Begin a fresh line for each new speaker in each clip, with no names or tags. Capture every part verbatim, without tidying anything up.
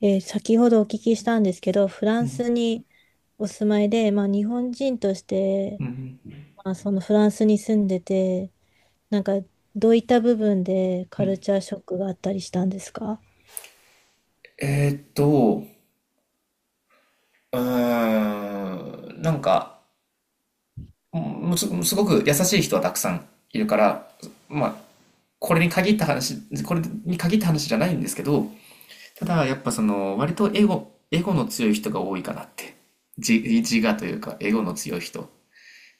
えー先ほどお聞きしたんですけど、フランスにお住まいで、まあ、日本人として、
うん、
まあ、そのフランスに住んでて、なんかどういった部分で
う
カル
ん。
チャーショックがあったりしたんですか？
えーっと、うーん、なんか、もうす、すごく優しい人はたくさんいるから、まあ、これに限った話、これに限った話じゃないんですけど、ただやっぱその、割とエゴ、エゴの強い人が多いかなって。じ自我というか、エゴの強い人。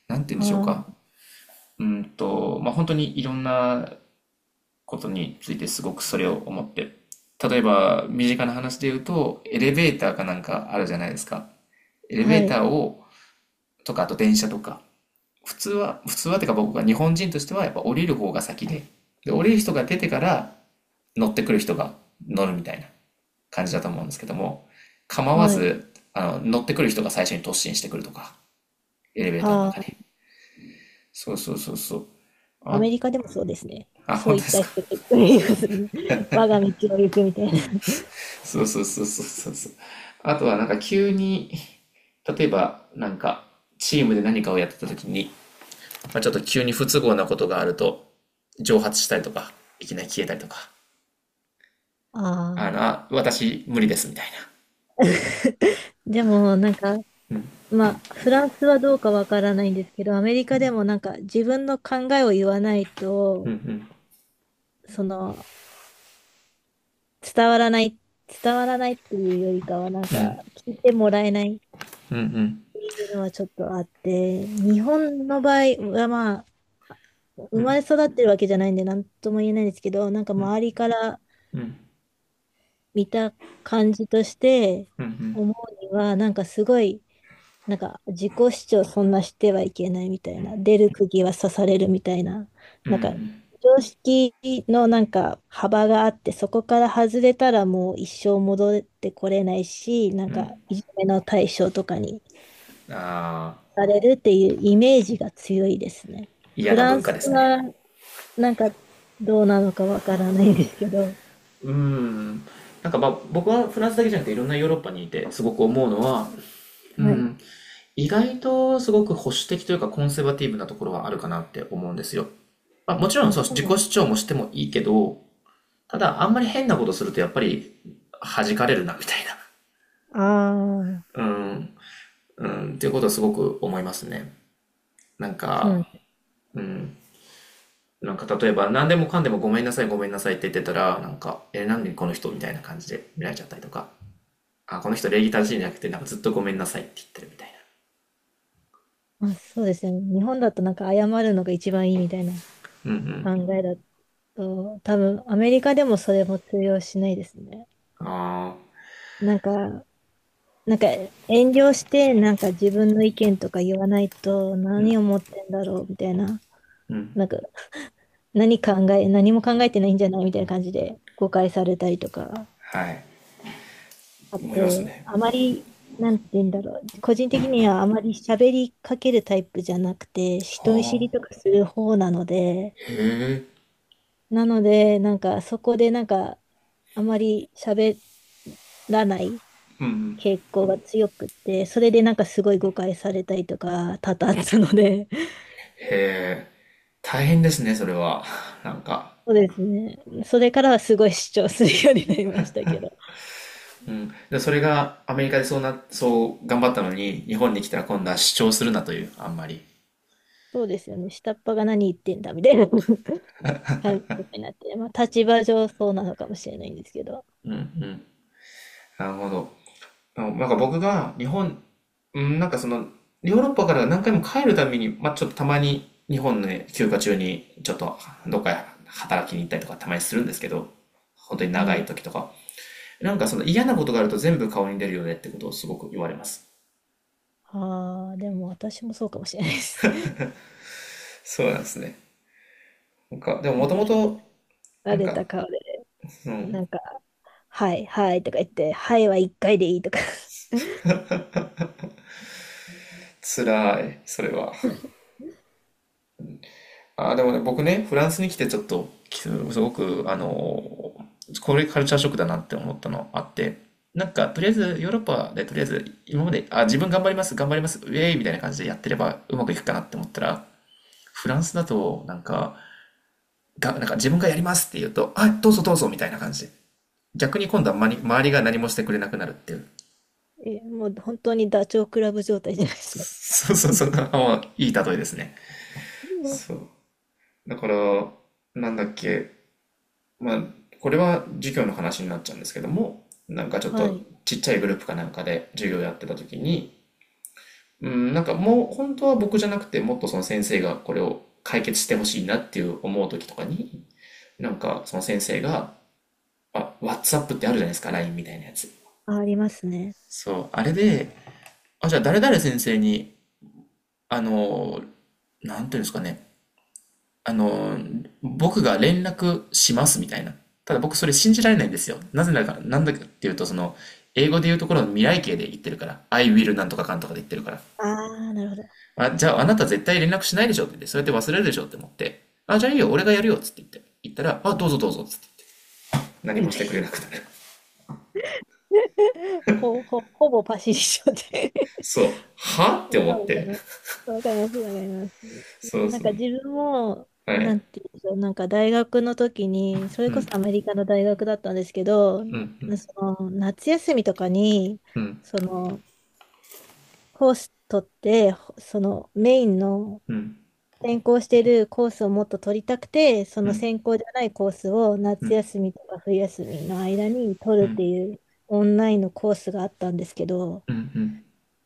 なんて言
あ
うんでしょうか。
ー、
うーんと、まあ、本当にいろんなことについてすごくそれを思って。例えば、身近な話で言うと、エレベーターかなんかあるじゃないですか。エレベ
は
ータ
い、
ーを、とか、あと電車とか、普通は、普通はてか僕が日本人としてはやっぱ降りる方が先で、で、降りる人が出てから乗ってくる人が乗るみたいな感じだと思うんですけども、構わ
はい。
ず、あの、乗ってくる人が最初に突進してくるとか、エレベーターの
あ
中
ー、
に。そうそうそうそう。
ア
あ、
メリカでもそうですね。
あ、
そ
本
うい
当
っ
です
た
か。
人と いますね。 我が道を行くみたいな。
そうそうそうそうそうそう。あとはなんか急に、例えばなんかチームで何かをやってた時に、まあ、ちょっと急に不都合なことがあると、蒸発したりとか、いきなり消えたりとか、
あ
あの、
あ。
あ、私無理ですみたい
でも、なんか、
な。うん、
まあ、フランスはどうかわからないんですけど、アメリカでもなんか自分の考えを言わない
うん、
と、
うん、
その、伝わらない、伝わらないっていうよりかは、なんか、聞いてもらえないっ
うん、
ていうのはちょっとあって、日本の場合はまあ、
う
生
ん、う
まれ
ん、
育ってるわけじゃないんで、なんとも言えないんですけど、なんか周りから
うん、
見た感じとして
うん、うん、
思うには、なんかすごい、なんか自己主張そんなしてはいけないみたいな、出る釘は刺されるみたいな、
う
なんか
ん、
常識のなんか幅があって、そこから外れたらもう一生戻ってこれないし、なんかいじめの対象とかに
ああ、
されるっていうイメージが強いですね。
嫌
フ
な
ラン
文化
ス
ですね。
はなんかどうなのかわからないんですけど、
うん。なんかまあ僕はフランスだけじゃなくていろんなヨーロッパにいてすごく思うのは、う
はい。
ん、意外とすごく保守的というかコンセバティブなところはあるかなって思うんですよ。まあ、もちろん
あ、
そう
そう
自己
なん
主張もしてもいいけど、ただ、あんまり変なことするとやっぱり弾かれるな、みたいな。
ああ
うん、うん、っていうことはすごく思いますね。なん
ー、そうなん
か、
です。
うん、なんか例えば何でもかんでもごめんなさい、ごめんなさいって言ってたら、なんか、え、なんでこの人みたいな感じで見られちゃったりとか、あ、この人礼儀正しいんじゃなくて、なんかずっとごめんなさいって言ってるみたい
あ、そうですね。日本だとなんか謝るのが一番いいみたいな考えだっそう、多分アメリカでもそれも通用しないですね。
な。あ
なんか、なんか遠慮してなんか自分の意見とか言わないと何を持ってんだろうみたいな、なんか何考え、何も考えてないんじゃないみたいな感じで誤解されたりとか
あ、はい。
あっ
思います
て、
ね。
あまり、なんて言うんだろう、個人的にはあまり喋りかけるタイプじゃなくて、人見知
は
りと
あ、
かする方なので、
へえ、
なので、なんかそこでなんかあまり喋らない
うん。
傾向が強くて、それでなんかすごい誤解されたりとか多々あったので、
へえ、大変ですね、それは。なんか。
そうですね。それからはすごい主張するようになりましたけど、
うん。で、それがアメリカでそうな、そう頑張ったのに、日本に来たら今度は主張するなという、あんまり。
そうですよね。下っ端が何言ってんだみたいな 感覚になって、まあ立場上そうなのかもしれないんですけど。
うんうん。なるほど。あのなんか僕が日本、うん、なんかその、ヨーロッパから何回も帰るたびに、まあ、ちょっとたまに日本の休暇中に、ちょっとどっか働きに行ったりとかたまにするんですけど、本当に
は
長い
い。
時とか。なんかその嫌なことがあると全部顔に出るよねってことをすごく言われます。
ああ、でも私もそうかもしれないです。
そうなんですね。なんか、で も
な
もと
んか、
もと、
慣
なん
れ
か、
た顔で、
うん、
なんか、はい、はいとか言って、はいは一回でいいとか。
辛い、それは。あー、でもね、僕ね、フランスに来てちょっと、きすごく、あのーこれカルチャーショックだなって思ったのあって、なんか、とりあえず、ヨーロッパで、とりあえず、今まで、あ、自分頑張ります、頑張ります、ウェイみたいな感じでやってればうまくいくかなって思ったら、フランスだと、なんか、が、なんか自分がやりますって言うと、あ、どうぞどうぞみたいな感じで。逆に今度はまに周りが何もしてくれなくなるっていう。
え、もう本当にダチョウ倶楽部状態じゃないですか。
そうそうそう、あいい例えですね。そ う。だから、なんだっけ、まあ、これは授業の話になっちゃうんですけども、なんかちょっ
は
と
い。
ちっちゃいグループかなんかで授業やってた時に、うん、なんかもう本当は僕じゃなくて、もっとその先生がこれを解決してほしいなっていう思う時とかに、なんかその先生が、あ、WhatsApp ってあるじゃないですか、ライン みたいなやつ。
あ、ありますね。
そう、あれで、あ、じゃあ誰々先生に、あの、なんていうんですかね、あの、僕が連絡しますみたいな。ただ僕それ信じられないんですよ。なぜなら、なんだかっていうと、その、英語で言うところの未来形で言ってるから。I will なんとかかんとかで言ってるから。
ああ、なるほど。
あ、じゃああなた絶対連絡しないでしょって言って、そうやって忘れるでしょって思って、あ、じゃあいいよ、俺がやるよっつって言って、言ったら、あ、どうぞどうぞっつって。何
うん、
もしてくれなくなる。
ほ、ほ、ほぼパシリ症で。
そう。はっ
で
て思っ
もわかり
て。
ます、わかります。
そう
なん
そ
か
う。
自分も、
は
な
い。
んていうんでしょう、なんか大学の時に、そ
う
れこ
ん、
そアメリカの大学だったんですけど、
う
な
ん、うん、
その夏休みとかに、
うん、
その、コース取って、ほそのメインの
うん、
専攻してるコースをもっと取りたくて、そ
う
の
ん、
専攻じゃないコースを
う
夏
ん、
休みとか冬休みの間に取
う
るって
ん、
いうオンラインのコースがあったんですけど、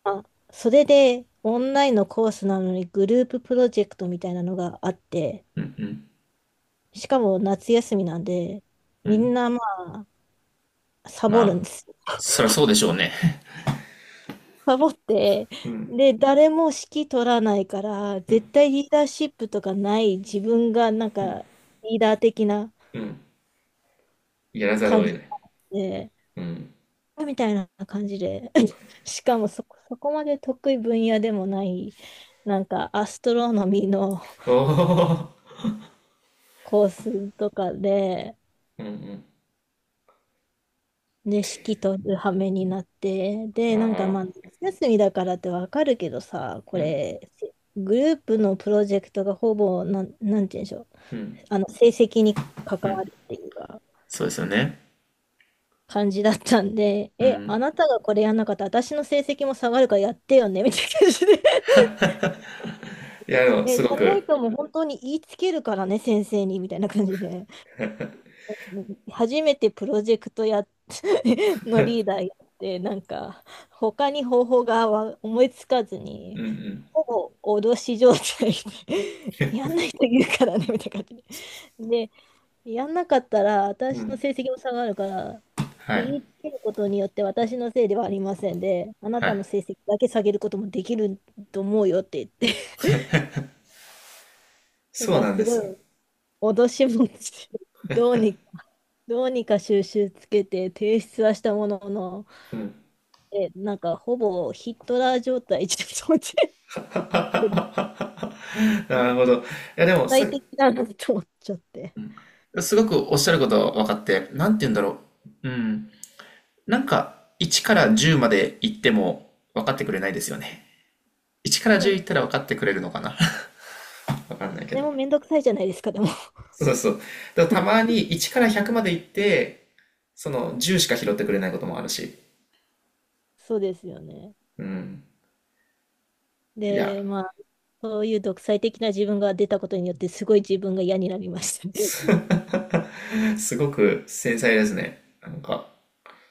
まあ、それでオンラインのコースなのにグループプロジェクトみたいなのがあって、
うん、
しかも夏休みなんで、
う
みん
ん。
なまあ、サ
ま
ボる
あ、
んです。
そりゃそうでしょうね。
サボって、
うん、
で、誰も指揮取らないから、
う
絶
ん、
対リーダーシップとかない自分がなんかリーダー的な
うん。やらざるを
感じ
得ない。
で、
うん。
みたいな感じで、しかもそこ、そこまで得意分野でもない、なんかアストロノミーの
おお、
コースとかで、
うんう
で、式とる羽目になって、
ん。
で、なんか
ああ、
まあ、夏休みだからってわかるけどさ、こ
うん、
れ、グループのプロジェクトがほぼ、なん、なんて言うんでしょう、
うん、
あの、成績に関
うん。
わるっていうか、
そうですよね。
感じだったんで、
う
え、あ
ん。
なたがこれやんなかったら、私の成績も下がるからやってよね、みたいな感じで、
いや、でも、
え、
す
じ
ご
ゃない
く、
ともう本当に言いつけるからね、先生に、みたいな感じで。うん、初めてプロジェクトやっ のリーダーやって、なんか、他に方法がわ思いつかず
う
に、
ん
ほぼ脅し状態で やんないと言うからね、みたいな感じで。で、やんなかったら、
うん、う
私の
ん。
成績も下がるから、
は
で、言
い、
いつけることによって私のせいではありませんで、あな
は
たの
い。
成績だけ下げることもできると思うよって言って、と
そう
か、
なんで
すご
すよ。
い脅し文句 どうに、どうにか収集つけて提出はしたものの、
うん。
え、なんかほぼヒットラー状態じゃっ
なる
独
ほど。いや、でも、
裁
さ、
的だ なと思っちゃって。
うん、すごくおっしゃること分かって、なんて言うんだろう。うん。なんか、いちからじゅうまで行っても分かってくれないですよね。いちから
そうな
じゅう
んで
行ったら分
す。
かってくれるのかな 分かんないけ
で
ど。
もめんどくさいじゃないですか、でも。
そうそう。だからたまにいちからひゃくまで行って、そのじゅうしか拾ってくれないこともあるし。
そうですよね。
うん。い
で、
や、
まあ、そういう独裁的な自分が出たことによって、すごい自分が嫌になりましたね。
す すごく繊細ですね。なんか、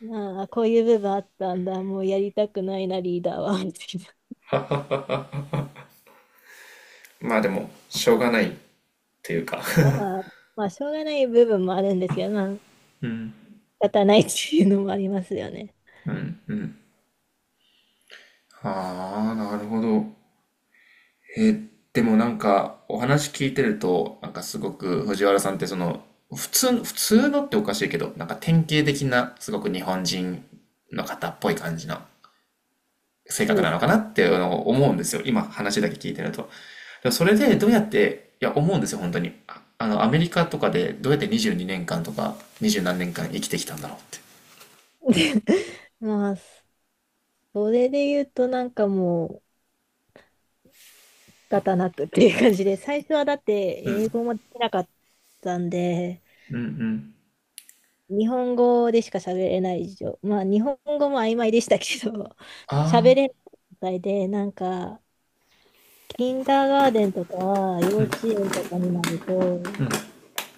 まあ、こういう部分あったんだ、もうやりたくないな、リーダーは、みたいな。
まあでも、しょうがないっていうか
ま あ、まあ、しょうがない部分もあるんですけど、まあ
うん。
立たないっていうのもありますよね。
うん。うん。ああ、なるほど。えー、でもなんか、お話聞いてると、なんかすごく藤原さんってその、普通の、普通のっておかしいけど、なんか典型的な、すごく日本人の方っぽい感じの性
そう
格
で
な
す
のかな
か。
っていうのを思うんですよ。今話だけ聞いてると。でもそれでどうやって、いや、思うんですよ、本当に。ああの、アメリカとかでどうやってにじゅうにねんかんとかにじゅう何年間生きてきたんだろうって。
まあ、それで言うとなんかもう仕方なくっていう感じで、最初はだって英語もできなかったんで、
うんうん。
日本語でしか喋れない以上、まあ日本語も曖昧でしたけど、
あ
喋れない状態で、なんか、キンダーガーデンとか、幼稚園とかになると、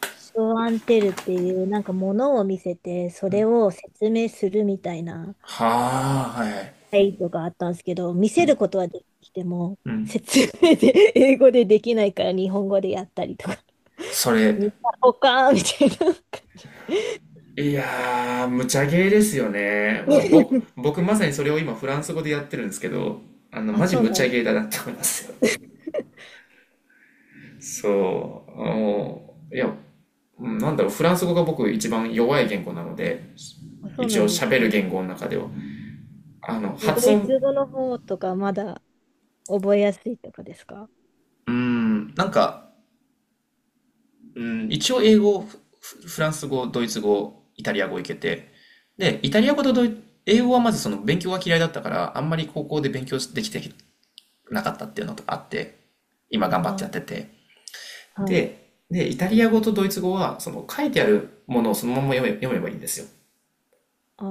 ショーアンテルっていう、なんか物を見せて、それを説明するみたいな、
あ、はあ、はいはい。
はいとかあったんですけど、見せることはできても、
うん。
説明で、英語でできないから日本語でやったりとか、
それ、
見たほかーみたいな感じ。
いやー、無茶ゲーですよね。もう、僕、僕まさにそれを今フランス語でやってるんですけど、あの、
あ、
マジ
そう
無
な
茶
んで
ゲー
す。
だなって思いますよ。そう、もういや、うんなんだろう、フランス語が僕一番弱い言語なので、
あ、そう
一
な
応
んです
喋る
ね。
言語の中では。あの、
え、ド
発
イ
音、
ツ語の方とかまだ覚えやすいとかですか？
うーん、なんか、うん、一応英語、フフランス語、ドイツ語、イタリア語いけて、で、イタリア語とドイ、英語はまずその勉強が嫌いだったから、あんまり高校で勉強できてなかったっていうのとかあって、今頑張ってやって
あ、
て。
はい。
で、で、イタリア語とドイツ語は、その書いてあるものをそのまま読め、読めばいいんですよ。
あ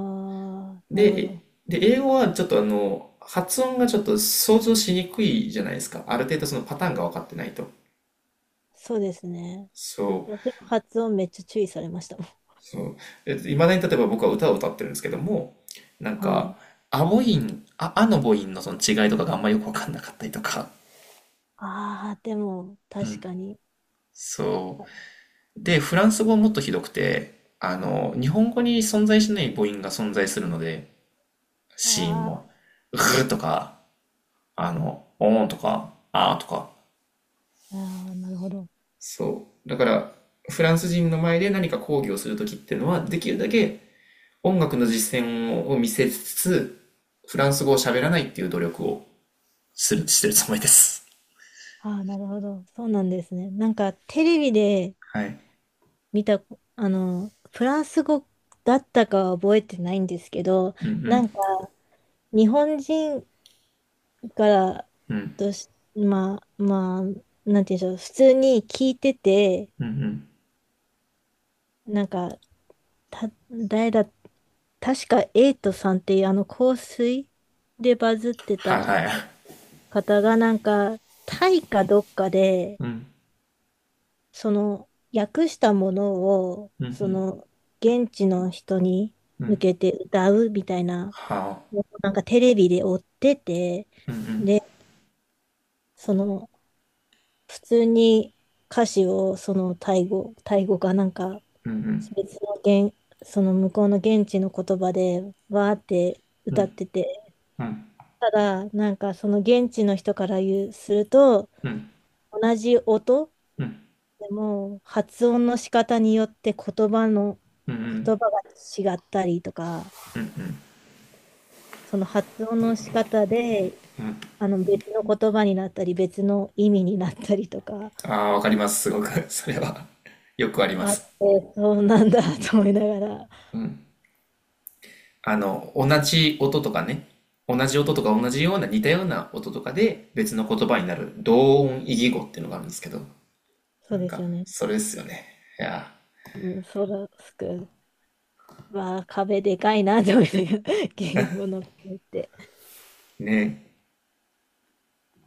あ、なるほ
で、え
ど。
で、英語はちょっとあの、発音がちょっと想像しにくいじゃないですか。ある程度そのパターンが分かってないと。
そうですね。
そう
でも発音めっちゃ注意されましたもん。
そう。え、いまだに例えば僕は歌を歌ってるんですけども、な ん
はい。
か、ア母音、あ、あの母音のその違いとかがあんまよくわかんなかったりとか。
ああ、でも、
う
確
ん。
かに。
そ
あ
う。で、フランス語はもっとひどくて、あの、日本語に存在しない母音が存在するので、子音
あ
も。うーとか、あの、おーんとか、あーとか。
ー、あーなるほど。
そう。だから、フランス人の前で何か講義をするときっていうのは、できるだけ音楽の実践を見せつつ、フランス語を喋らないっていう努力をする、してるつもりです。
ああ、なるほど。そうなんですね。なんか、テレビで
はい。
見た、あの、フランス語だったかは覚えてないんですけど、
うんう
なん
ん、
か、日本人から
うん、
とし、まあ、まあ、なんて言うんでしょう、普通に聞いてて、
うんうん。
なんか、た、誰だ、確かエイトさんっていうあの香水でバズって
は
た
いはい。
方がなんかタイかどっかで
うん、
その訳したものを
うん、う
その現地の人に
ん、う
向
ん。
けて歌うみたいな、
はあ、
なんかテレビで追ってて、で、その普通に歌詞をそのタイ語タイ語かなんか、
うんうん、
別の言その向こうの現地の言葉でわーって
う
歌っ
ん、
てて、
うん、
ただ、なんかその現地の人から言うすると、
うん、うん、
同じ音でも発音の仕方によって言葉の、
うんうん。
言葉が違ったりとか、その発音の仕方で、あの別の言葉になったり、別の意味になったりとか、
ああ、わかります、すごく。それは よくありま
あっ
す。
て、そうなんだ と思いながら、
うん。あの、同じ音とかね。同じ音とか同じような似たような音とかで別の言葉になる同音異義語っていうのがあるんですけど、
そ
な
う
ん
です
か、
よね。
それですよね。いや
うん、そうだ、すく、わあ、壁でかいなと思いながら、言語の壁って。
ー、ね、